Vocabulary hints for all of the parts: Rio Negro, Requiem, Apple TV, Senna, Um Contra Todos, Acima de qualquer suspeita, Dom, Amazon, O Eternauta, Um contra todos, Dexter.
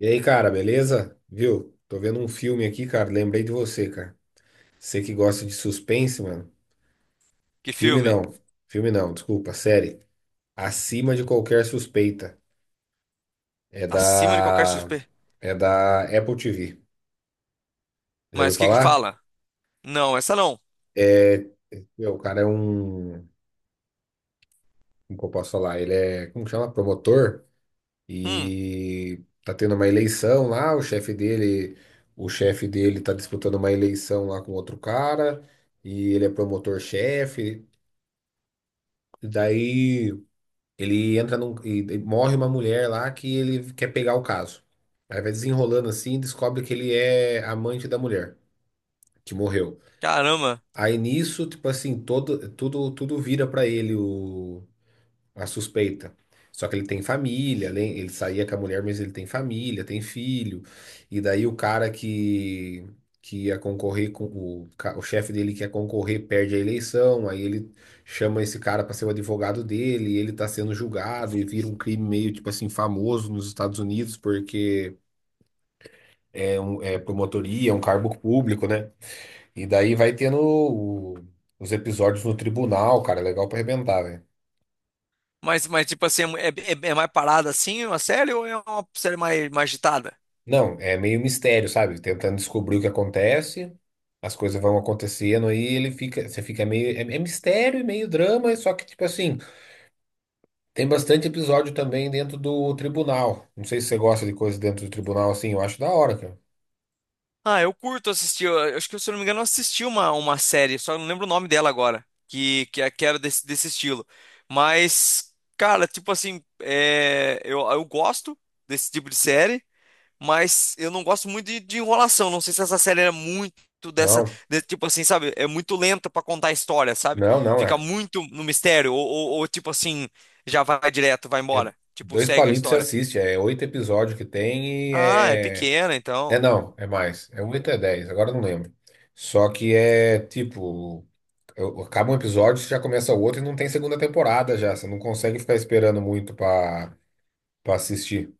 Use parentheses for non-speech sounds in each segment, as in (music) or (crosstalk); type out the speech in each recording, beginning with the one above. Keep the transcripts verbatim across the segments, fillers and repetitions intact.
E aí, cara, beleza? Viu? Tô vendo um filme aqui, cara. Lembrei de você, cara. Você que gosta de suspense, mano. Que Filme filme? não. Filme não, desculpa, série. Acima de qualquer suspeita. É Acima de qualquer da. suspeita. É da Apple T V. Já ouviu Mas o que que falar? fala? Não, essa não. É. Meu, o cara é um. Como que eu posso falar? Ele é. Como que chama? Promotor. Hum, E tá tendo uma eleição lá. O chefe dele. O chefe dele tá disputando uma eleição lá com outro cara. E ele é promotor-chefe. E daí ele entra num. E, e morre uma mulher lá que ele quer pegar o caso. Aí vai desenrolando assim e descobre que ele é amante da mulher que morreu. caramba. Aí nisso, tipo assim, todo, tudo, tudo vira pra ele. O, a suspeita. Só que ele tem família, ele ele saía com a mulher, mas ele tem família, tem filho. E daí o cara que, que ia concorrer com o, ca- o chefe dele que ia concorrer perde a eleição, aí ele chama esse cara para ser o advogado dele, e ele tá sendo julgado e vira um crime meio tipo assim famoso nos Estados Unidos porque é um é promotoria, é um cargo público, né? E daí vai tendo o- os episódios no tribunal, cara, é legal para arrebentar, velho. Mas, mas tipo assim, é, é- é é mais parada assim uma série ou é uma série mais, mais agitada? Não, é meio mistério, sabe? Tentando descobrir o que acontece, as coisas vão acontecendo aí ele fica, você fica meio, é, é mistério e meio drama, só que tipo assim, tem bastante episódio também dentro do tribunal. Não sei se você gosta de coisa dentro do tribunal assim, eu acho da hora, cara. Ah, eu curto assistir. Eu, eu acho que, se eu não me engano, eu assisti uma, uma série, só não lembro o nome dela agora, que, que, é- que era desse, desse estilo. Mas, cara, tipo assim, é, eu, eu gosto desse tipo de série. Mas eu não gosto muito de, de enrolação. Não sei se essa série era muito dessa. Não, de- Tipo assim, sabe? É muito lenta pra contar a história, sabe? não, não, Fica é, muito no mistério. Ou, ou- ou, tipo assim, já vai direto, vai é embora. Tipo, dois segue a palitos você história. assiste, é oito episódios que tem e Ah, é é, pequena, é então. não, é mais, é oito é dez, agora eu não lembro. Só que é tipo eu- acaba um episódio, você já começa o outro e não tem segunda temporada já. Você não consegue ficar esperando muito pra para assistir.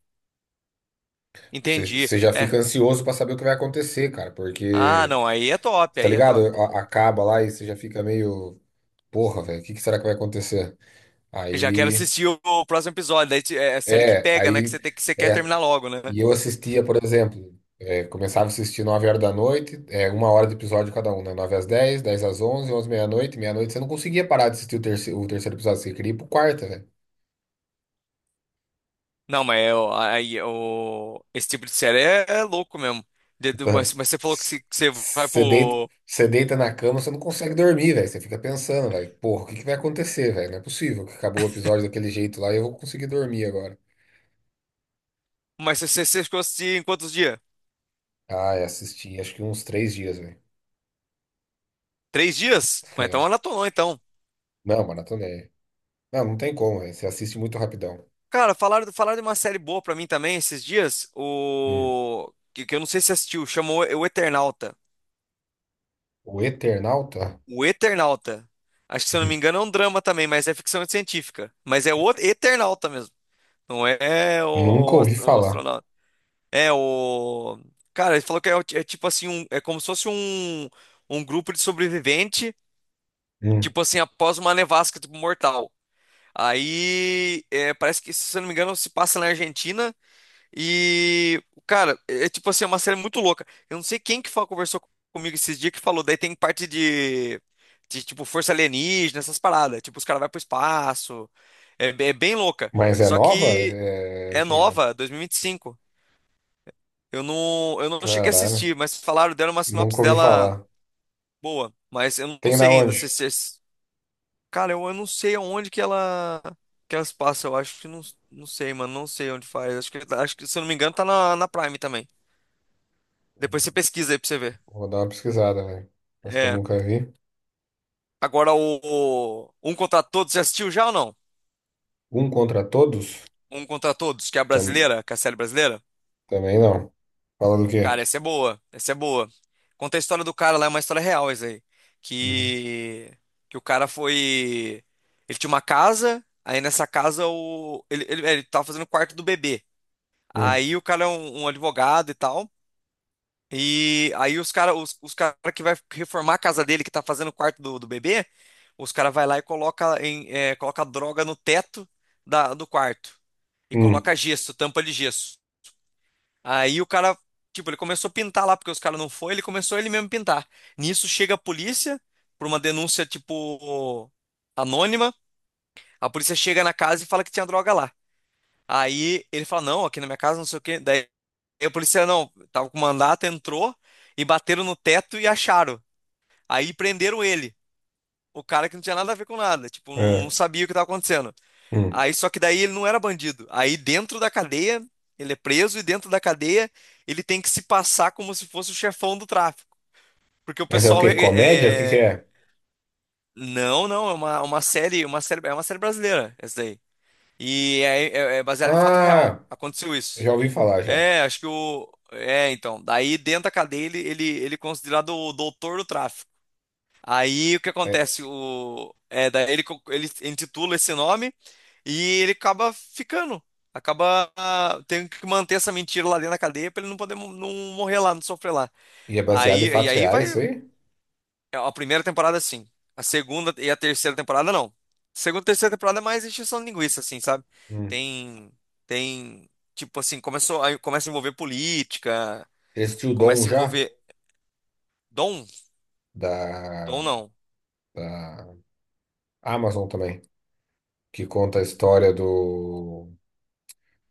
Você, Entendi. você já É. fica ansioso pra saber o que vai acontecer, cara, Ah, porque, não. Aí é top, tá aí é ligado? top. A- acaba lá e você já fica meio, porra, velho, o que que será que vai acontecer? Já quero Aí, assistir o, o próximo episódio. Daí te- é série que é, pega, né? Que aí, você tem, que você quer é. terminar logo, né? E eu assistia, por exemplo, é, começava a assistir nove horas da noite, é, uma hora de episódio cada um, né? nove às dez, dez às onze, onze à meia-noite, meia-noite você não conseguia parar de assistir o terceiro, o terceiro episódio, você queria ir pro quarto. Não, mas é, o- aí, o, esse tipo de série é, é louco mesmo. De- do- Mas, mas você falou que se- que você vai Você deita, pro. Você deita na cama, você não consegue dormir, velho. Você fica pensando, velho, porra, o que que vai acontecer, velho? Não é possível que acabou o episódio daquele jeito lá e eu vou conseguir dormir agora. Mas você, você você ficou assistindo em quantos dias? Ah, eu assisti, acho que uns três dias, velho. Três dias? (laughs) Mas então É. maratonou, então. Não, maratonei. Não, não tem como, velho. Você assiste muito rapidão. Cara, falaram, falaram de uma série boa pra mim também esses dias. Hum. O... Que, que eu não sei se assistiu. Chamou O Eternauta. O Eternauta? O Eternauta. Acho que, se eu não me (laughs) engano, é um drama também, mas é ficção científica. Mas é o Eternauta mesmo. Não é, é Nunca o, ouvi ast- o falar. astronauta. É o... Cara, ele falou que é, o- é tipo assim, um, é como se fosse um, um grupo de sobrevivente, Hum. tipo assim, após uma nevasca, tipo, mortal. Aí, é, parece que, se eu não me engano, se passa na Argentina e, cara, é é tipo assim, é uma série muito louca. Eu não sei quem que falou, conversou comigo esses dias que falou, daí tem parte de, de tipo, força alienígena, essas paradas. Tipo, os caras vão pro espaço. É, be- é bem louca. Mas é Só nova? que É é é antiga. nova, dois mil e vinte e cinco. Eu não, eu não cheguei a Caralho. assistir, mas falaram, deram uma sinopse Nunca ouvi dela falar. boa. Mas eu não Tem na sei ainda se, onde? se. Cara, eu, eu não sei aonde que ela que elas passam. Eu acho que não, não sei, mano. Não sei onde faz. Acho que, acho que, se eu não me engano, tá na, na Prime também. Depois você pesquisa aí pra você ver. Vou dar uma pesquisada, velho. Mas que eu É. nunca vi. Agora o, o Um Contra Todos, você assistiu já ou não? Um contra todos? Um Contra Todos, que é a Tam- brasileira, que é a série brasileira? também não. Fala do quê? Cara, essa é boa. Essa é boa. Conta a história do cara lá, é uma história real isso aí. Uhum. Que, que o cara foi. Ele tinha uma casa, aí nessa casa o, ele, ele, ele tava fazendo o quarto do bebê. Hum. Aí o cara é um, um advogado e tal. E aí os cara, os, os cara que vai reformar a casa dele, que tá fazendo o quarto do, do bebê, os cara vai lá e coloca em, eh, coloca droga no teto da, do quarto e Hum. coloca gesso, tampa de gesso. Aí o cara, tipo, ele começou a pintar lá porque os cara não foi, ele começou ele mesmo a pintar. Nisso chega a polícia por uma denúncia tipo anônima. A polícia chega na casa e fala que tinha droga lá. Aí ele fala: "Não, aqui na minha casa não sei o quê". Daí a polícia não, tava com mandato, entrou e bateram no teto e acharam. Aí prenderam ele. O cara que não tinha nada a ver com nada, tipo, não, É. não sabia o que estava acontecendo. Hum. Aí, só que daí ele não era bandido. Aí dentro da cadeia, ele é preso e dentro da cadeia ele tem que se passar como se fosse o chefão do tráfico. Porque o Essa é o pessoal é... quê? Comédia? O que que é- é? Não, não, é uma, uma série, uma série, é uma série brasileira, essa daí. E é, é, é baseado em fato real. Ah, Aconteceu isso. já ouvi falar já. É, acho que o. É, então. Daí dentro da cadeia ele, ele, ele é considerado o doutor do tráfico. Aí o que É. acontece? O, é, daí ele, co- ele intitula esse nome e ele acaba ficando. Acaba ah, tendo que manter essa mentira lá dentro da cadeia pra ele não poder mo- não morrer lá, não sofrer lá. E é baseado em Aí, e fatos aí vai. reais, isso aí? É, A primeira temporada, sim. A segunda e a terceira temporada, não. Segunda e terceira temporada é mais encheção de linguiça, assim, sabe? Hum. Tem. Tem. Tipo assim, começou, aí começa a envolver política, Existiu o Dom começa a já? envolver. Dom? Dom Da, não. da Amazon também. Que conta a história do,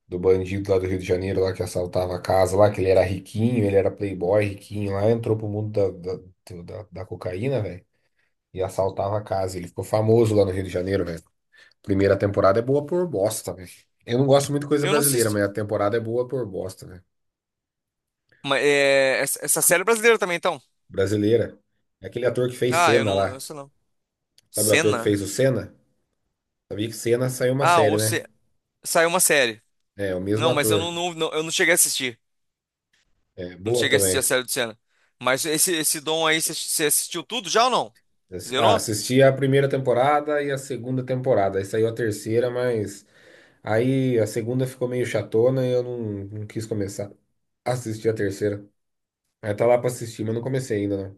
do bandido lá do Rio de Janeiro, lá que assaltava a casa lá, que ele era riquinho, ele era playboy riquinho lá, entrou pro mundo da, da, do- da, da cocaína, velho. E assaltava a casa. Ele ficou famoso lá no Rio de Janeiro, velho. Primeira temporada é boa por bosta, velho. Eu não gosto muito de coisa Eu não sei. brasileira, mas a temporada é boa por bosta, velho. Mas é, essa essa série é brasileira também, então. Brasileira. É aquele ator que fez Ah, eu Senna não, eu lá. sei não. Sabe o ator que Cena? fez o Senna? Sabia que Senna saiu uma Ah, série, ou né? se saiu uma série. É, o mesmo Não, mas eu não, ator. não- não- eu não cheguei a assistir. É, Não boa cheguei a assistir a também. série do Senna. Mas esse esse Dom aí, você você assistiu tudo já ou não? Assi- Ah, Zerou? assisti a primeira temporada e a segunda temporada. Aí saiu a terceira, mas aí a segunda ficou meio chatona e eu não, não quis começar a assistir a terceira. Aí tá lá pra assistir, mas não comecei ainda.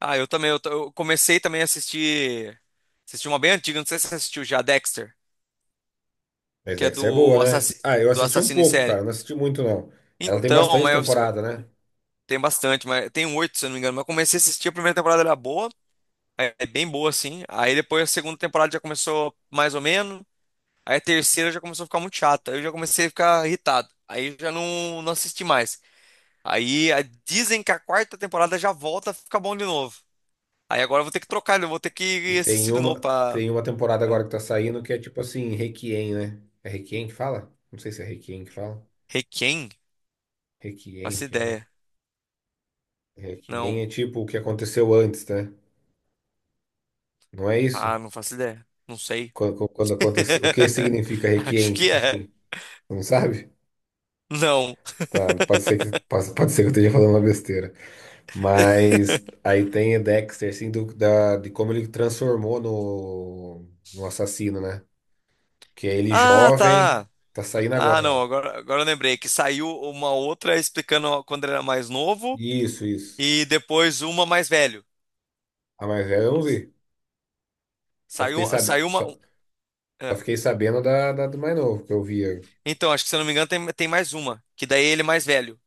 Ah, eu também, eu, t- eu comecei também a assistir assisti uma bem antiga, não sei se você assistiu já, Dexter, Mas que é Dexter é boa, do né? assassino Ah, eu do assisti um assassino em pouco, cara. série. Não assisti muito, não. Ela tem Então, bastante mas eu, fico- temporada, né? tem bastante, mas tem um oito, se eu não me engano, mas eu comecei a assistir, a primeira temporada era boa. É é bem boa, assim. Aí depois a segunda temporada já começou mais ou menos. Aí a terceira já começou a ficar muito chata. Aí eu já comecei a ficar irritado. Aí já não, não assisti mais. Aí a- dizem que a quarta temporada já volta a ficar bom de novo. Aí agora eu vou ter que trocar, eu vou ter E que tem assistir de novo uma, pra. tem uma temporada agora Ah, que tá saindo que é tipo assim, Requiem, né? É Requiem que fala? Não sei se é Requiem que fala. Requiem? Requiem, Faço que é. ideia. Requiem Não. é tipo o que aconteceu antes, né? Não é isso? Ah, não faço ideia. Não sei. Quando, quando aconteceu. O que significa (laughs) Acho Requiem, que tipo é. assim? Você não sabe? Não. Tá, pode ser que, pode, pode ser que eu esteja falando uma besteira. Mas aí tem o Dexter, assim, do, da, de como ele transformou no, no assassino, né? Que é ele Ah, jovem, tá. tá saindo Ah, agora. não, Ó. agora, agora eu lembrei que saiu uma outra explicando quando ele era mais novo. Isso, isso. E depois uma mais velho. A mais velha eu não vi. Só fiquei, Saiu, sabe, saiu uma. só, só É. fiquei sabendo da, da do mais novo, que eu via. Então, acho que se eu não me engano, tem, tem mais uma. Que daí ele é mais velho.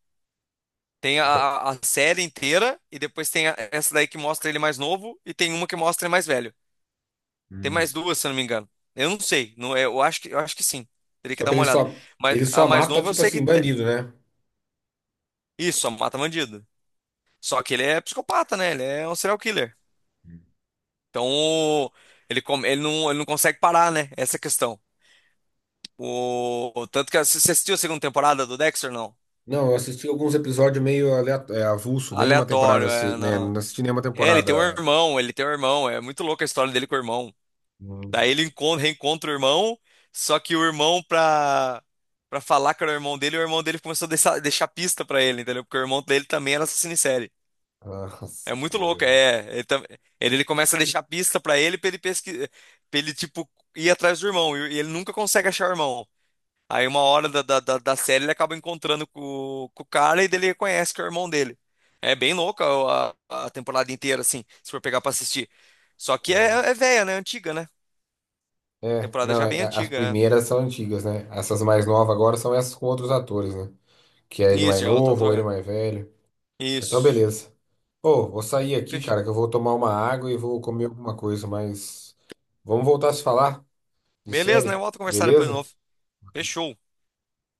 Tem a, a- a série inteira, e depois tem a- essa daí que mostra ele mais novo, e tem uma que mostra ele mais velho. Tem Hum. mais duas, se eu não me engano. Eu não sei. Não, é- eu acho que, eu acho que sim. Teria que Só dar que uma ele olhada. só, Mas ele a só mais mata, nova eu tipo sei que assim, tem. bandido, né? Isso, a Mata Bandido. Só que ele é psicopata, né? Ele é um serial killer. Então, ele, come- ele, não, ele não consegue parar, né? Essa é a questão. O... Tanto que você assistiu a segunda temporada do Dexter, não? Não, eu assisti alguns episódios meio aleato- é, avulso, nem uma temporada, Aleatório, assi- é, né? não. Não assisti nenhuma É, ele tem um temporada. irmão, ele tem um irmão. É muito louca a história dele com o irmão. Daí Hum. ele encontra, reencontra o irmão, só que o irmão, pra, pra falar que era o irmão dele, o irmão dele começou a deixar, deixar pista pra ele, entendeu? Porque o irmão dele também era assassino em série. É Nossa, que muito louco, beleza. é. Ele, tam- ele, ele começa a deixar pista pra ele, pra ele pesquisar, pra ele, tipo, ir atrás do irmão. E e ele nunca consegue achar o irmão. Aí uma hora da, da, da da série ele acaba encontrando com, com o cara e dele reconhece que é o irmão dele. É bem louca a, a temporada inteira, assim, se for pegar pra assistir. Só que é, é velha, né? Antiga, né? É, Temporada não, já é, bem é, as antiga. É. primeiras são antigas, né? Essas mais novas agora são essas com outros atores, né? Que é ele mais Isso, já é outro novo ou ele ator. mais velho. Então, Isso. beleza. Pô, vou sair aqui, Fechou. cara, que eu vou tomar uma água e vou comer alguma coisa, mas vamos voltar a se falar de Beleza, né? série, Volto a conversar depois de novo. beleza? Fechou.